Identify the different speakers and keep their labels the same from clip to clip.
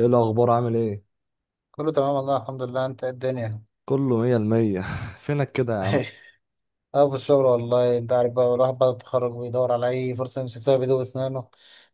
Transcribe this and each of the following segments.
Speaker 1: ايه الاخبار؟ عامل ايه؟
Speaker 2: كله تمام والله، الحمد لله. انت ايه الدنيا؟
Speaker 1: كله مية المية. فينك كده يا عم؟
Speaker 2: اه، في الشغل والله. انت عارف بقى الواحد بعد التخرج بيدور على اي فرصه يمسك فيها بيدوب اسنانه.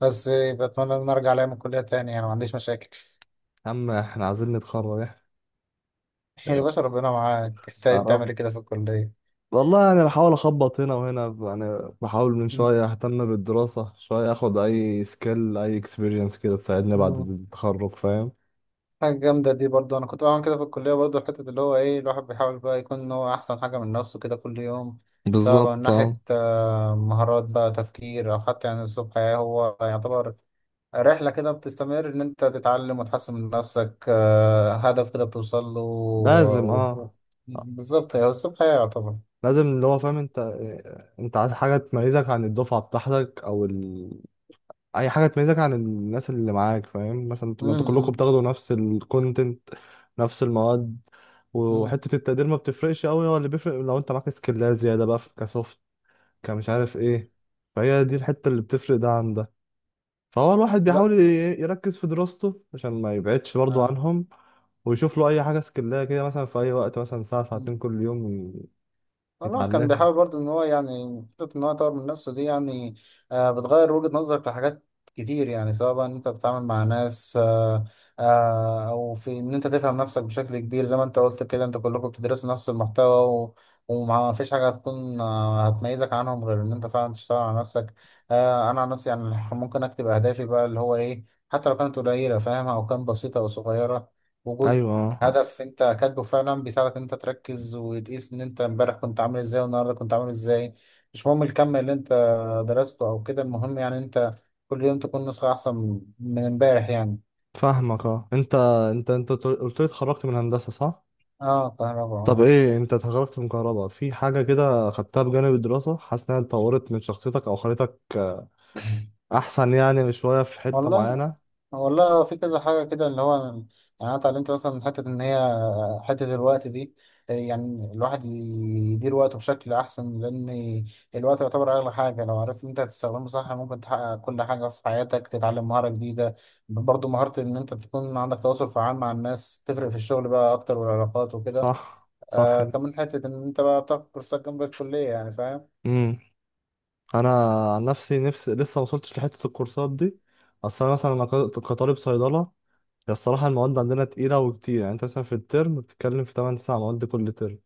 Speaker 2: بس بتمنى ان أنا ارجع لها من الكليه تاني، يعني ما عنديش مشاكل.
Speaker 1: يا عم احنا عايزين نتخرج احنا.
Speaker 2: يا باشا ربنا معاك. انت
Speaker 1: يا
Speaker 2: ايه بتعمل
Speaker 1: رب.
Speaker 2: إيه كده في الكليه؟
Speaker 1: والله بحاول اخبط هنا وهنا، بحاول من
Speaker 2: مم.
Speaker 1: شوية اهتم بالدراسة شوية، اخد اي سكيل اي اكسبيرينس كده تساعدني بعد
Speaker 2: مم.
Speaker 1: التخرج. فاهم؟
Speaker 2: حاجه جامده دي برضو. انا كنت بعمل كده في الكليه برضو، حته اللي هو ايه، الواحد بيحاول بقى يكون إن هو احسن حاجه من نفسه كده كل يوم. سواء بقى من
Speaker 1: بالظبط، اه.
Speaker 2: ناحيه مهارات بقى تفكير او حتى يعني اسلوب حياه، هو يعتبر رحلة كده بتستمر إن أنت تتعلم وتحسن من نفسك، هدف كده بتوصل له
Speaker 1: لازم،
Speaker 2: و... و...
Speaker 1: اه.
Speaker 2: بالظبط، هي أسلوب حياة يعتبر.
Speaker 1: لازم اللي هو، فاهم انت؟ انت عايز حاجة تميزك عن الدفعة بتاعتك او اي حاجه تميزك عن الناس اللي معاك، فاهم؟ مثلا
Speaker 2: مم،
Speaker 1: ما انتوا كلكم
Speaker 2: مم،
Speaker 1: بتاخدوا نفس الكونتنت، نفس المواد،
Speaker 2: مم.
Speaker 1: وحته التقدير ما بتفرقش قوي، هو اللي بيفرق لو انت معاك سكيلات زياده بقى في كسوفت كمش عارف ايه. فهي دي الحته اللي بتفرق ده عن ده. فهو الواحد
Speaker 2: لا.
Speaker 1: بيحاول يركز في دراسته عشان ما يبعدش برضه
Speaker 2: آه.
Speaker 1: عنهم، ويشوف له اي حاجه سكيلات كده، مثلا في اي وقت مثلا ساعه
Speaker 2: إمم.
Speaker 1: ساعتين كل يوم
Speaker 2: والله كان
Speaker 1: يتعلمها.
Speaker 2: بيحاول برضه ان هو يعني حتة ان هو يطور من نفسه دي يعني. بتغير وجهة نظرك لحاجات كتير، يعني سواء بقى ان انت بتتعامل مع ناس، او في ان انت تفهم نفسك بشكل كبير، زي ما انت قلت كده انت كلكم بتدرسوا نفس المحتوى. وما فيش حاجة هتكون هتميزك عنهم غير ان انت فعلا تشتغل على نفسك. انا عن نفسي، يعني ممكن اكتب اهدافي بقى اللي هو ايه، حتى لو كانت قليلة فاهم، او كانت بسيطة او صغيرة. وجود
Speaker 1: ايوه،
Speaker 2: هدف انت كاتبه فعلا بيساعدك ان انت تركز وتقيس ان انت امبارح كنت عامل ازاي والنهارده كنت عامل ازاي. مش مهم الكم اللي انت درسته او كده، المهم يعني انت كل يوم تكون نسخة احسن من امبارح يعني.
Speaker 1: فاهمك اه. انت قلت لي اتخرجت من هندسه، صح؟
Speaker 2: اه، كهرباء،
Speaker 1: طب
Speaker 2: اه.
Speaker 1: ايه انت اتخرجت من كهرباء، في حاجة كده خدتها بجانب الدراسة حاسس انها اتطورت من شخصيتك او خلتك احسن، يعني شوية في حتة
Speaker 2: والله،
Speaker 1: معينة؟
Speaker 2: والله في كذا حاجة كده اللي هو يعني. انا اتعلمت مثلا حتة ان هي حتة الوقت دي، يعني الواحد يدير وقته بشكل أحسن، لأن الوقت يعتبر أغلى حاجة. لو عرفت إن أنت تستخدمه صح ممكن تحقق كل حاجة في حياتك، تتعلم مهارة جديدة، برضه مهارة إن أنت تكون عندك تواصل فعال مع الناس، تفرق في الشغل بقى أكتر والعلاقات وكده.
Speaker 1: صح، صح.
Speaker 2: كمان حتة إن أنت بقى بتاخد كورسات جنب الكلية، يعني فاهم؟
Speaker 1: امم، انا عن نفسي لسه ما وصلتش لحتة الكورسات دي. اصل انا مثلا انا كطالب صيدلة، هي الصراحة المواد عندنا تقيلة وكتير. يعني انت مثلا في الترم بتتكلم في 8 9 مواد كل ترم،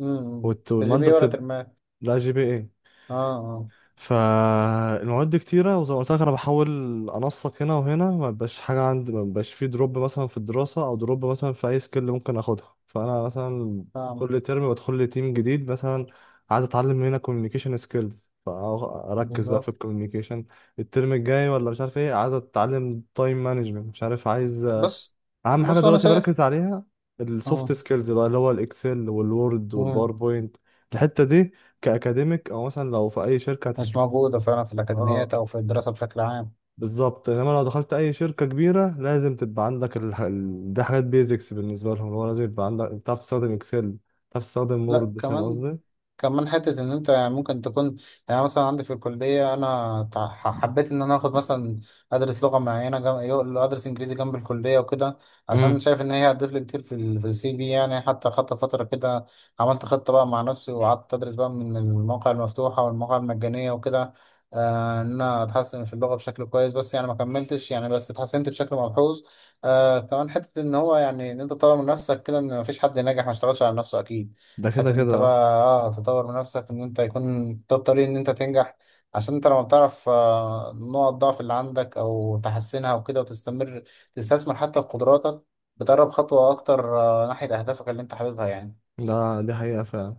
Speaker 2: إمم. تجيب
Speaker 1: والمادة
Speaker 2: إيه ولا
Speaker 1: بتبقى
Speaker 2: ترماه؟
Speaker 1: لا جي بي اي.
Speaker 2: آه، آه،
Speaker 1: فالمواد دي كتيرة، وزي ما قلت لك أنا بحاول أنسق هنا وهنا، ما بقاش حاجة عندي، ما بقاش في دروب مثلا في الدراسة أو دروب مثلا في أي سكيل ممكن أخدها. فأنا مثلا
Speaker 2: فاهم.
Speaker 1: كل ترم بدخل لي تيم جديد، مثلا عايز أتعلم هنا كوميونيكيشن سكيلز فأركز بقى في
Speaker 2: بالظبط.
Speaker 1: الكوميونيكيشن الترم الجاي، ولا مش عارف إيه عايز أتعلم تايم مانجمنت، مش عارف. عايز
Speaker 2: بص.
Speaker 1: أهم حاجة
Speaker 2: بص أنا
Speaker 1: دلوقتي بركز
Speaker 2: شايف.
Speaker 1: عليها السوفت
Speaker 2: آه.
Speaker 1: سكيلز بقى، اللي هو الإكسل والوورد
Speaker 2: مم.
Speaker 1: والباوربوينت. الحتة دي كأكاديميك أو مثلا لو في أي شركة،
Speaker 2: مش موجودة فعلا في
Speaker 1: اه
Speaker 2: الأكاديميات أو في الدراسة بشكل عام.
Speaker 1: بالظبط. انما لو دخلت اي شركه كبيره لازم تبقى عندك دي حاجات بيزكس بالنسبه لهم، اللي هو لازم يبقى عندك بتعرف تستخدم اكسل، بتعرف تستخدم
Speaker 2: لا،
Speaker 1: وورد، فاهم
Speaker 2: كمان
Speaker 1: قصدي؟
Speaker 2: كمان حتة إن أنت يعني ممكن تكون، يعني مثلا عندي في الكلية أنا حبيت إن أنا آخد مثلا أدرس لغة معينة، أدرس إنجليزي جنب الكلية وكده، عشان
Speaker 1: امم.
Speaker 2: شايف إن هي هتضيف لي كتير في السي في. يعني حتى خدت فترة كده، عملت خطة بقى مع نفسي وقعدت أدرس بقى من المواقع المفتوحة والمواقع المجانية وكده، إن أنا أتحسن في اللغة بشكل كويس. بس يعني ما كملتش يعني، بس اتحسنت بشكل ملحوظ. كمان حتة إن هو يعني، إن أنت تطور من نفسك كده، إن مفيش حد ناجح ما اشتغلش على نفسه أكيد.
Speaker 1: ده كده
Speaker 2: حتى ان انت
Speaker 1: كده اه.
Speaker 2: بقى تطور من نفسك، ان انت يكون ده الطريق ان انت تنجح. عشان انت لما بتعرف نقط ضعف اللي عندك او تحسنها وكده، وتستمر تستثمر حتى في قدراتك، بتقرب خطوة اكتر ناحية اهدافك اللي انت حاببها يعني.
Speaker 1: ده دي حقيقه فعلا.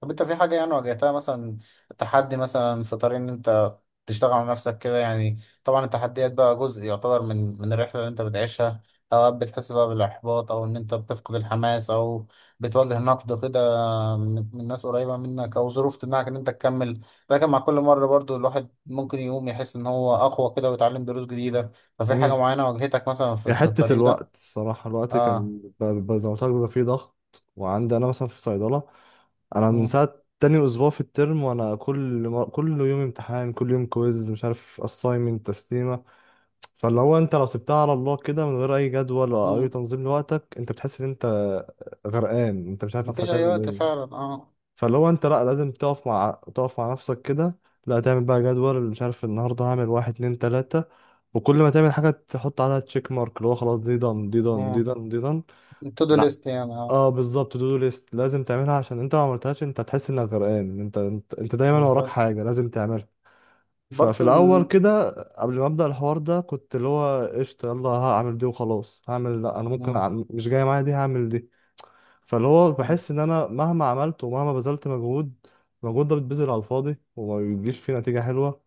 Speaker 2: طب انت في حاجة يعني واجهتها مثلا، تحدي مثلا في طريق ان انت تشتغل على نفسك كده يعني؟ طبعا التحديات بقى جزء يعتبر من الرحلة اللي انت بتعيشها. اوقات بتحس بقى بالاحباط، او ان انت بتفقد الحماس، او بتواجه نقد كده من ناس قريبة منك، أو ظروف تمنعك إن أنت تكمل. لكن مع كل مرة برضو الواحد ممكن يقوم يحس إن هو أقوى كده ويتعلم دروس جديدة. ففي حاجة
Speaker 1: امم،
Speaker 2: معينة واجهتك مثلا في,
Speaker 1: هي
Speaker 2: في
Speaker 1: حته
Speaker 2: الطريق ده؟
Speaker 1: الوقت الصراحه، الوقت
Speaker 2: آه.
Speaker 1: كان بيبقى زي ما قلت لك بيبقى فيه ضغط. وعندي انا مثلا في صيدله، انا من
Speaker 2: مم.
Speaker 1: ساعه تاني اسبوع في الترم وانا كل يوم امتحان كل يوم كويز مش عارف اساينمنت تسليمه. فاللي هو انت لو سبتها على الله كده من غير اي جدول ولا اي
Speaker 2: مم.
Speaker 1: تنظيم لوقتك انت بتحس ان انت غرقان، انت مش عارف انت
Speaker 2: مفيش أي
Speaker 1: هتعمل
Speaker 2: وقت
Speaker 1: ايه.
Speaker 2: فعلا.
Speaker 1: فاللي هو انت لا لازم تقف مع نفسك كده، لا تعمل بقى جدول، مش عارف النهارده هعمل واحد اتنين تلاتة، وكل ما تعمل حاجة تحط عليها تشيك مارك، اللي هو خلاص دي دان دي دان دي
Speaker 2: آه.
Speaker 1: دان دي دان.
Speaker 2: تو دو
Speaker 1: لا
Speaker 2: ليست يعني.
Speaker 1: اه بالظبط، تو دو ليست لازم تعملها عشان انت لو ما عملتهاش انت هتحس انك غرقان، انت دايما وراك
Speaker 2: بالظبط.
Speaker 1: حاجة لازم تعملها. ففي
Speaker 2: برضو
Speaker 1: الاول
Speaker 2: إن-
Speaker 1: كده قبل ما ابدا الحوار ده كنت اللي هو قشطه يلا هعمل دي وخلاص، هعمل لا انا ممكن
Speaker 2: مم.
Speaker 1: أعمل، مش جايه معايا دي هعمل دي. فاللي هو
Speaker 2: مم.
Speaker 1: بحس ان انا مهما عملت ومهما بذلت مجهود، المجهود ده بيتبذل على الفاضي وما بيجيش فيه نتيجه حلوه.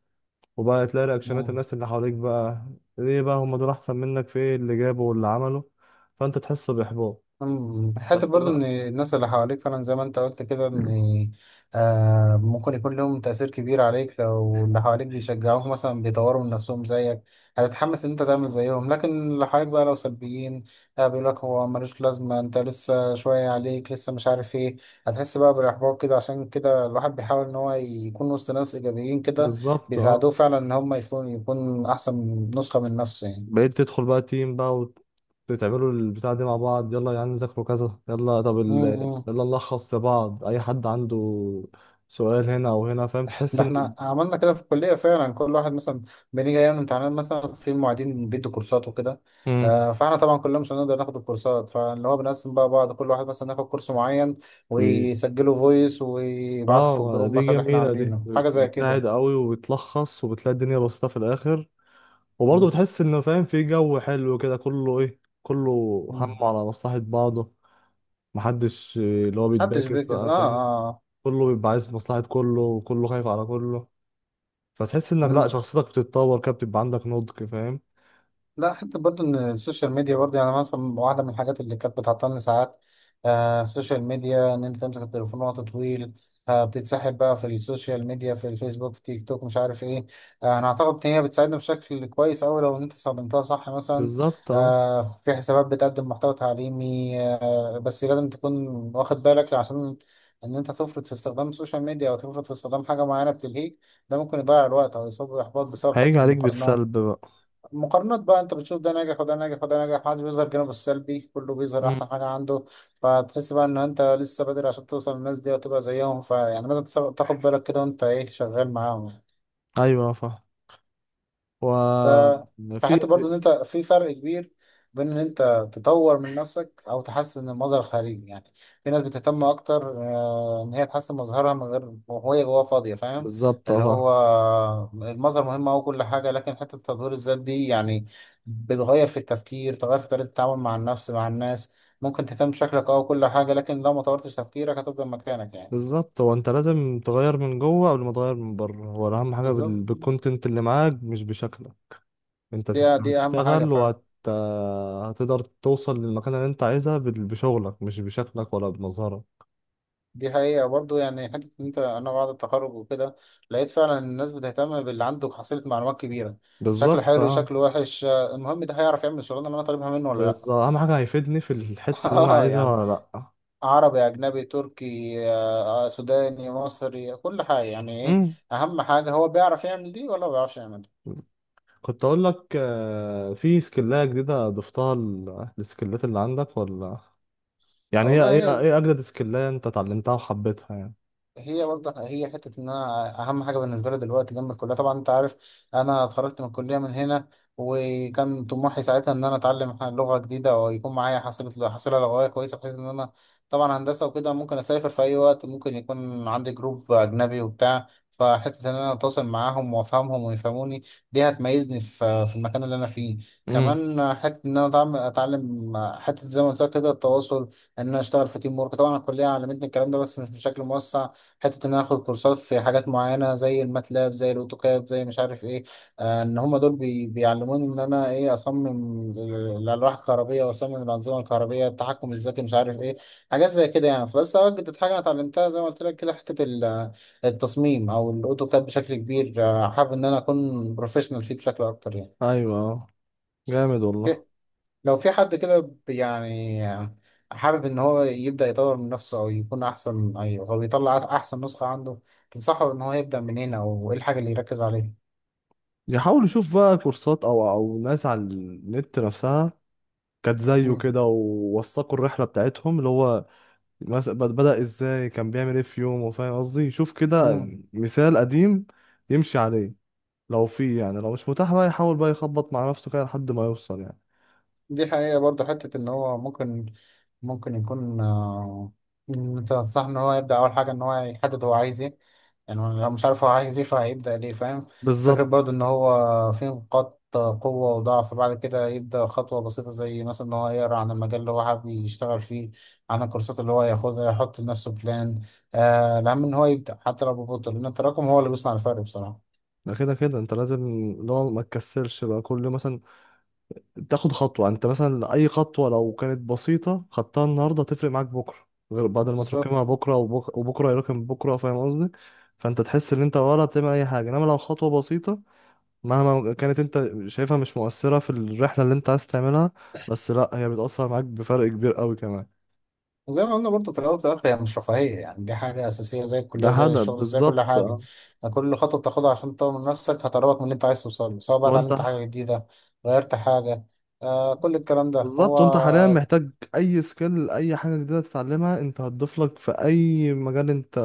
Speaker 1: وبقى تلاقي رياكشنات
Speaker 2: مم.
Speaker 1: الناس اللي حواليك بقى ليه بقى هم دول احسن منك، في ايه اللي جابوا واللي عملوا، فانت تحس باحباط.
Speaker 2: أمم، حتى
Speaker 1: بس
Speaker 2: برضو ان
Speaker 1: بقى،
Speaker 2: الناس اللي حواليك فعلا زي ما انت قلت كده، ان ممكن يكون لهم تأثير كبير عليك. لو اللي حواليك بيشجعوك مثلا بيطوروا من نفسهم زيك، هتتحمس ان انت تعمل زيهم. لكن اللي حواليك بقى لو سلبيين، بيقول لك هو ملوش لازمة، انت لسه شوية عليك لسه، مش عارف ايه، هتحس بقى بالاحباط كده. عشان كده الواحد بيحاول ان هو يكون وسط ناس ايجابيين كده،
Speaker 1: بالظبط اه.
Speaker 2: بيساعدوه فعلا ان هم يكون احسن نسخة من نفسه يعني.
Speaker 1: بقيت تدخل بقى تيم بقى وتعملوا البتاع دي مع بعض، يلا يا عم نذاكروا كذا، يلا طب
Speaker 2: أمم، أمم.
Speaker 1: يلا نلخص لبعض، اي حد عنده سؤال هنا او هنا، فاهم؟ تحس
Speaker 2: ده
Speaker 1: ان
Speaker 2: احنا عملنا كده في الكلية فعلا. كل واحد مثلا بنيجي ايام الامتحانات مثلا، في المعيدين بيدوا كورسات وكده،
Speaker 1: امم
Speaker 2: فاحنا طبعا كلنا مش هنقدر ناخد الكورسات، فاللي هو بنقسم بقى، بعض كل واحد مثلا ياخد كورس معين
Speaker 1: و...
Speaker 2: ويسجله فويس ويبعته في
Speaker 1: اه
Speaker 2: الجروب
Speaker 1: دي
Speaker 2: مثلا اللي احنا
Speaker 1: جميلة دي،
Speaker 2: عاملينه، حاجة زي
Speaker 1: بتساعد
Speaker 2: كده.
Speaker 1: قوي وبتلخص، وبتلاقي الدنيا بسيطة في الآخر. وبرضه
Speaker 2: مم.
Speaker 1: بتحس إنه فاهم في جو حلو كده، كله إيه كله
Speaker 2: مم.
Speaker 1: هم على مصلحة بعضه، محدش آه، اللي هو
Speaker 2: محدش
Speaker 1: بيتباكس
Speaker 2: بيكس، اه،
Speaker 1: بقى، فاهم؟
Speaker 2: اه، آه.
Speaker 1: كله بيبقى عايز مصلحة كله وكله خايف على كله. فتحس انك لا
Speaker 2: مم.
Speaker 1: شخصيتك بتتطور كده، بتبقى عندك نضج، فاهم؟
Speaker 2: لا، حتى برضه ان السوشيال ميديا برضه يعني، مثلا واحده من الحاجات اللي كانت بتعطلني ساعات. السوشيال ميديا، ان انت تمسك التليفون وقت طويل، بتتسحب بقى في السوشيال ميديا، في الفيسبوك، في تيك توك، مش عارف ايه. انا اعتقد ان هي بتساعدنا بشكل كويس اوي لو انت استخدمتها صح. مثلا
Speaker 1: بالظبط اه،
Speaker 2: في حسابات بتقدم محتوى تعليمي، بس لازم تكون واخد بالك، عشان ان انت تفرط في استخدام السوشيال ميديا او تفرط في استخدام حاجه معينه بتلهيك، ده ممكن يضيع الوقت او يصاب باحباط بسبب
Speaker 1: هيجي
Speaker 2: حته
Speaker 1: عليك بالسلب
Speaker 2: المقارنات.
Speaker 1: بقى.
Speaker 2: مقارنات بقى، انت بتشوف ده ناجح وده ناجح وده ناجح، محدش بيظهر جانبه السلبي، كله بيظهر
Speaker 1: مم.
Speaker 2: احسن حاجه عنده. فتحس بقى ان انت لسه بدري عشان توصل للناس دي وتبقى زيهم. فيعني لازم تاخد بالك كده وانت ايه شغال معاهم.
Speaker 1: ايوه فاهم.
Speaker 2: ف
Speaker 1: وفي
Speaker 2: فحتى برضو ان انت في فرق كبير بين ان انت تطور من نفسك او تحسن المظهر الخارجي يعني. في ناس بتهتم اكتر ان هي تحسن مظهرها من غير، وهي جواها فاضيه فاهم.
Speaker 1: بالظبط اه
Speaker 2: اللي
Speaker 1: فاهم.
Speaker 2: هو المظهر مهم او كل حاجه، لكن حته تطوير الذات دي يعني بتغير في التفكير، تغير في طريقه التعامل مع النفس مع الناس. ممكن تهتم بشكلك او كل حاجه، لكن لو ما طورتش تفكيرك هتفضل مكانك يعني.
Speaker 1: بالظبط، هو انت لازم تغير من جوه قبل ما تغير من بره. هو اهم حاجه
Speaker 2: بالظبط.
Speaker 1: بالكونتنت اللي معاك مش بشكلك. انت
Speaker 2: دي دي اهم حاجه
Speaker 1: هتشتغل
Speaker 2: فعلا.
Speaker 1: وهت هتقدر توصل للمكان اللي انت عايزها بشغلك، مش بشكلك ولا بمظهرك.
Speaker 2: دي حقيقة برضه يعني، حتة إن أنا بعد التخرج وكده لقيت فعلا إن الناس بتهتم باللي عنده حصيلة معلومات كبيرة. شكله
Speaker 1: بالظبط
Speaker 2: حلو
Speaker 1: اه.
Speaker 2: شكله وحش، المهم ده هيعرف يعمل الشغلانة اللي أنا طالبها منه ولا لأ.
Speaker 1: بالظبط، اهم حاجه هيفيدني في الحته اللي انا
Speaker 2: آه،
Speaker 1: عايزها،
Speaker 2: يعني
Speaker 1: ولا لا.
Speaker 2: عربي، أجنبي، تركي، سوداني، مصري، كل حاجة، يعني إيه
Speaker 1: مم.
Speaker 2: أهم حاجة؟ هو بيعرف يعمل دي ولا ما بيعرفش يعمل دي.
Speaker 1: كنت اقول لك آه، في سكلايه جديده ضفتها للسكلات اللي عندك، ولا يعني هي
Speaker 2: والله،
Speaker 1: ايه،
Speaker 2: هي
Speaker 1: ايه اجدد سكلايه انت اتعلمتها وحبيتها يعني؟
Speaker 2: هي برضه، هي حتة إن أنا أهم حاجة بالنسبة لي دلوقتي جنب الكلية. طبعا أنت عارف أنا اتخرجت من الكلية من هنا، وكان طموحي ساعتها إن أنا أتعلم لغة جديدة ويكون معايا حصيلة لغوية كويسة، بحيث إن أنا طبعا هندسة وكده ممكن أسافر في أي وقت، ممكن يكون عندي جروب أجنبي وبتاع. فحتة إن أنا أتواصل معاهم وأفهمهم ويفهموني، دي هتميزني في المكان اللي أنا فيه.
Speaker 1: امم،
Speaker 2: كمان حتة إن أنا أتعلم حتة زي ما قلت لك كده التواصل، إن أنا أشتغل في تيم ورك. طبعا الكلية علمتني الكلام ده بس مش بشكل موسع. حتة إن أنا آخد كورسات في حاجات معينة زي الماتلاب، زي الأوتوكاد، زي مش عارف إيه، إن هما دول بيعلموني إن أنا إيه أصمم الألواح الكهربية، وأصمم الأنظمة الكهربية، التحكم الذكي، مش عارف إيه، حاجات زي كده يعني. فبس أوجدت حاجة أنا اتعلمتها زي ما قلت لك كده، حتة التصميم أو الأوتوكاد بشكل كبير، حابب إن أنا أكون بروفيشنال فيه بشكل أكتر يعني.
Speaker 1: ايوه آه، جامد والله.
Speaker 2: لو في حد كده يعني حابب ان هو يبدأ يطور من نفسه او يكون احسن، ايوه هو بيطلع احسن نسخة عنده، تنصحه ان هو يبدأ منين او ايه الحاجة اللي يركز عليها؟
Speaker 1: يحاول يشوف بقى كورسات او او ناس على النت نفسها كانت زيه كده ووثقوا الرحله بتاعتهم، اللي هو بدأ ازاي، كان بيعمل ايه في يومه، فاهم قصدي؟ يشوف كده
Speaker 2: مم.
Speaker 1: مثال قديم يمشي عليه. لو في، يعني لو مش متاح بقى يحاول بقى يخبط مع نفسه كده لحد ما يوصل يعني.
Speaker 2: دي حقيقة برضه، حتة إن هو ممكن يكون، إن أنت تنصح إن هو يبدأ أول حاجة إن هو يحدد هو عايز إيه. يعني لو مش عارف هو عايز إيه فهيبدأ ليه، فاهم؟ فكرة
Speaker 1: بالظبط.
Speaker 2: برضه إن هو في نقاط قوة وضعف، بعد كده يبدأ خطوة بسيطة، زي مثلا إن هو يقرأ عن المجال اللي هو حابب يشتغل فيه، عن الكورسات اللي هو ياخدها، يحط لنفسه بلان. الأهم إن هو يبدأ حتى لو ببطء، لأن التراكم هو اللي بيصنع الفرق بصراحة.
Speaker 1: ده كده كده انت لازم لو ما تكسلش بقى، كل مثلا تاخد خطوة، انت مثلا اي خطوة لو كانت بسيطة خدتها النهاردة تفرق معاك بكرة، غير بعد ما
Speaker 2: بالظبط.
Speaker 1: تراكمها بكرة وبكرة يراكم بكرة، فاهم قصدي؟ فانت تحس ان انت ولا بتعمل اي حاجة، انما لو خطوة بسيطة مهما كانت انت شايفها مش مؤثرة في الرحلة اللي انت عايز تعملها، بس لا هي بتأثر معاك بفرق كبير قوي كمان.
Speaker 2: زي ما قلنا برضه في الأول وفي الآخر، هي مش رفاهية يعني، دي حاجة أساسية زي
Speaker 1: ده
Speaker 2: الكلية، زي
Speaker 1: هدف،
Speaker 2: الشغل، زي كل
Speaker 1: بالظبط
Speaker 2: حاجة.
Speaker 1: اه.
Speaker 2: كل خطوة بتاخدها عشان تطور من نفسك هتقربك من اللي أنت عايز توصله، سواء بقى
Speaker 1: لو انت
Speaker 2: اتعلمت حاجة جديدة، غيرت حاجة. كل الكلام ده
Speaker 1: بالظبط، وانت حاليا
Speaker 2: هو
Speaker 1: محتاج اي سكيل اي حاجه جديده تتعلمها انت هتضيف لك في اي مجال انت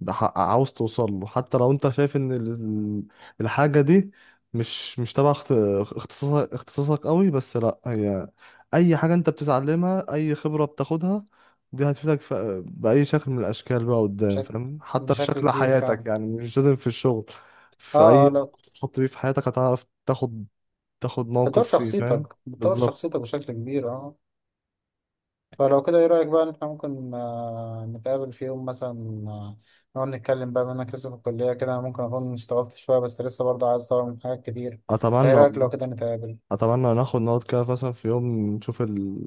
Speaker 1: عاوز توصل له. حتى لو انت شايف ان الحاجه دي مش تبع اختصاصك قوي، بس لا هي اي حاجه انت بتتعلمها اي خبره بتاخدها دي هتفيدك في باي شكل من الاشكال بقى قدام،
Speaker 2: بشكل
Speaker 1: فاهم؟ حتى في
Speaker 2: بشكل
Speaker 1: شكل
Speaker 2: كبير
Speaker 1: حياتك،
Speaker 2: فعلا.
Speaker 1: يعني مش لازم في الشغل.
Speaker 2: اه،
Speaker 1: في
Speaker 2: آه،
Speaker 1: اي
Speaker 2: لا،
Speaker 1: موقف تتحط فيه في حياتك هتعرف تاخد
Speaker 2: بتطور
Speaker 1: موقف فيه، فاهم؟
Speaker 2: شخصيتك بتطور
Speaker 1: بالظبط.
Speaker 2: شخصيتك بشكل كبير، اه. فلو كده ايه رأيك بقى إن احنا ممكن نتقابل في يوم مثلا، نقعد نتكلم بقى، بما انك لسه في الكلية كده، ممكن اكون اشتغلت شوية بس لسه برضه عايز اطور من حاجات كتير. فايه
Speaker 1: اتمنى
Speaker 2: رأيك لو
Speaker 1: والله.
Speaker 2: كده نتقابل؟
Speaker 1: اتمنى ناخد نقعد كده مثلا في يوم، نشوف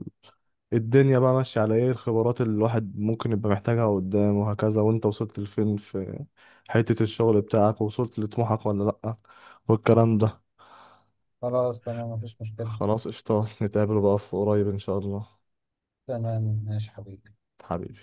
Speaker 1: الدنيا بقى ماشيه على ايه، الخبرات اللي الواحد ممكن يبقى محتاجها قدام وهكذا، وانت وصلت لفين في حته الشغل بتاعك، ووصلت لطموحك ولا لا، والكلام ده.
Speaker 2: خلاص تمام، مفيش مشكلة.
Speaker 1: خلاص قشطه، نتقابل بقى في قريب ان شاء الله.
Speaker 2: تمام، ماشي حبيبي.
Speaker 1: حبيبي.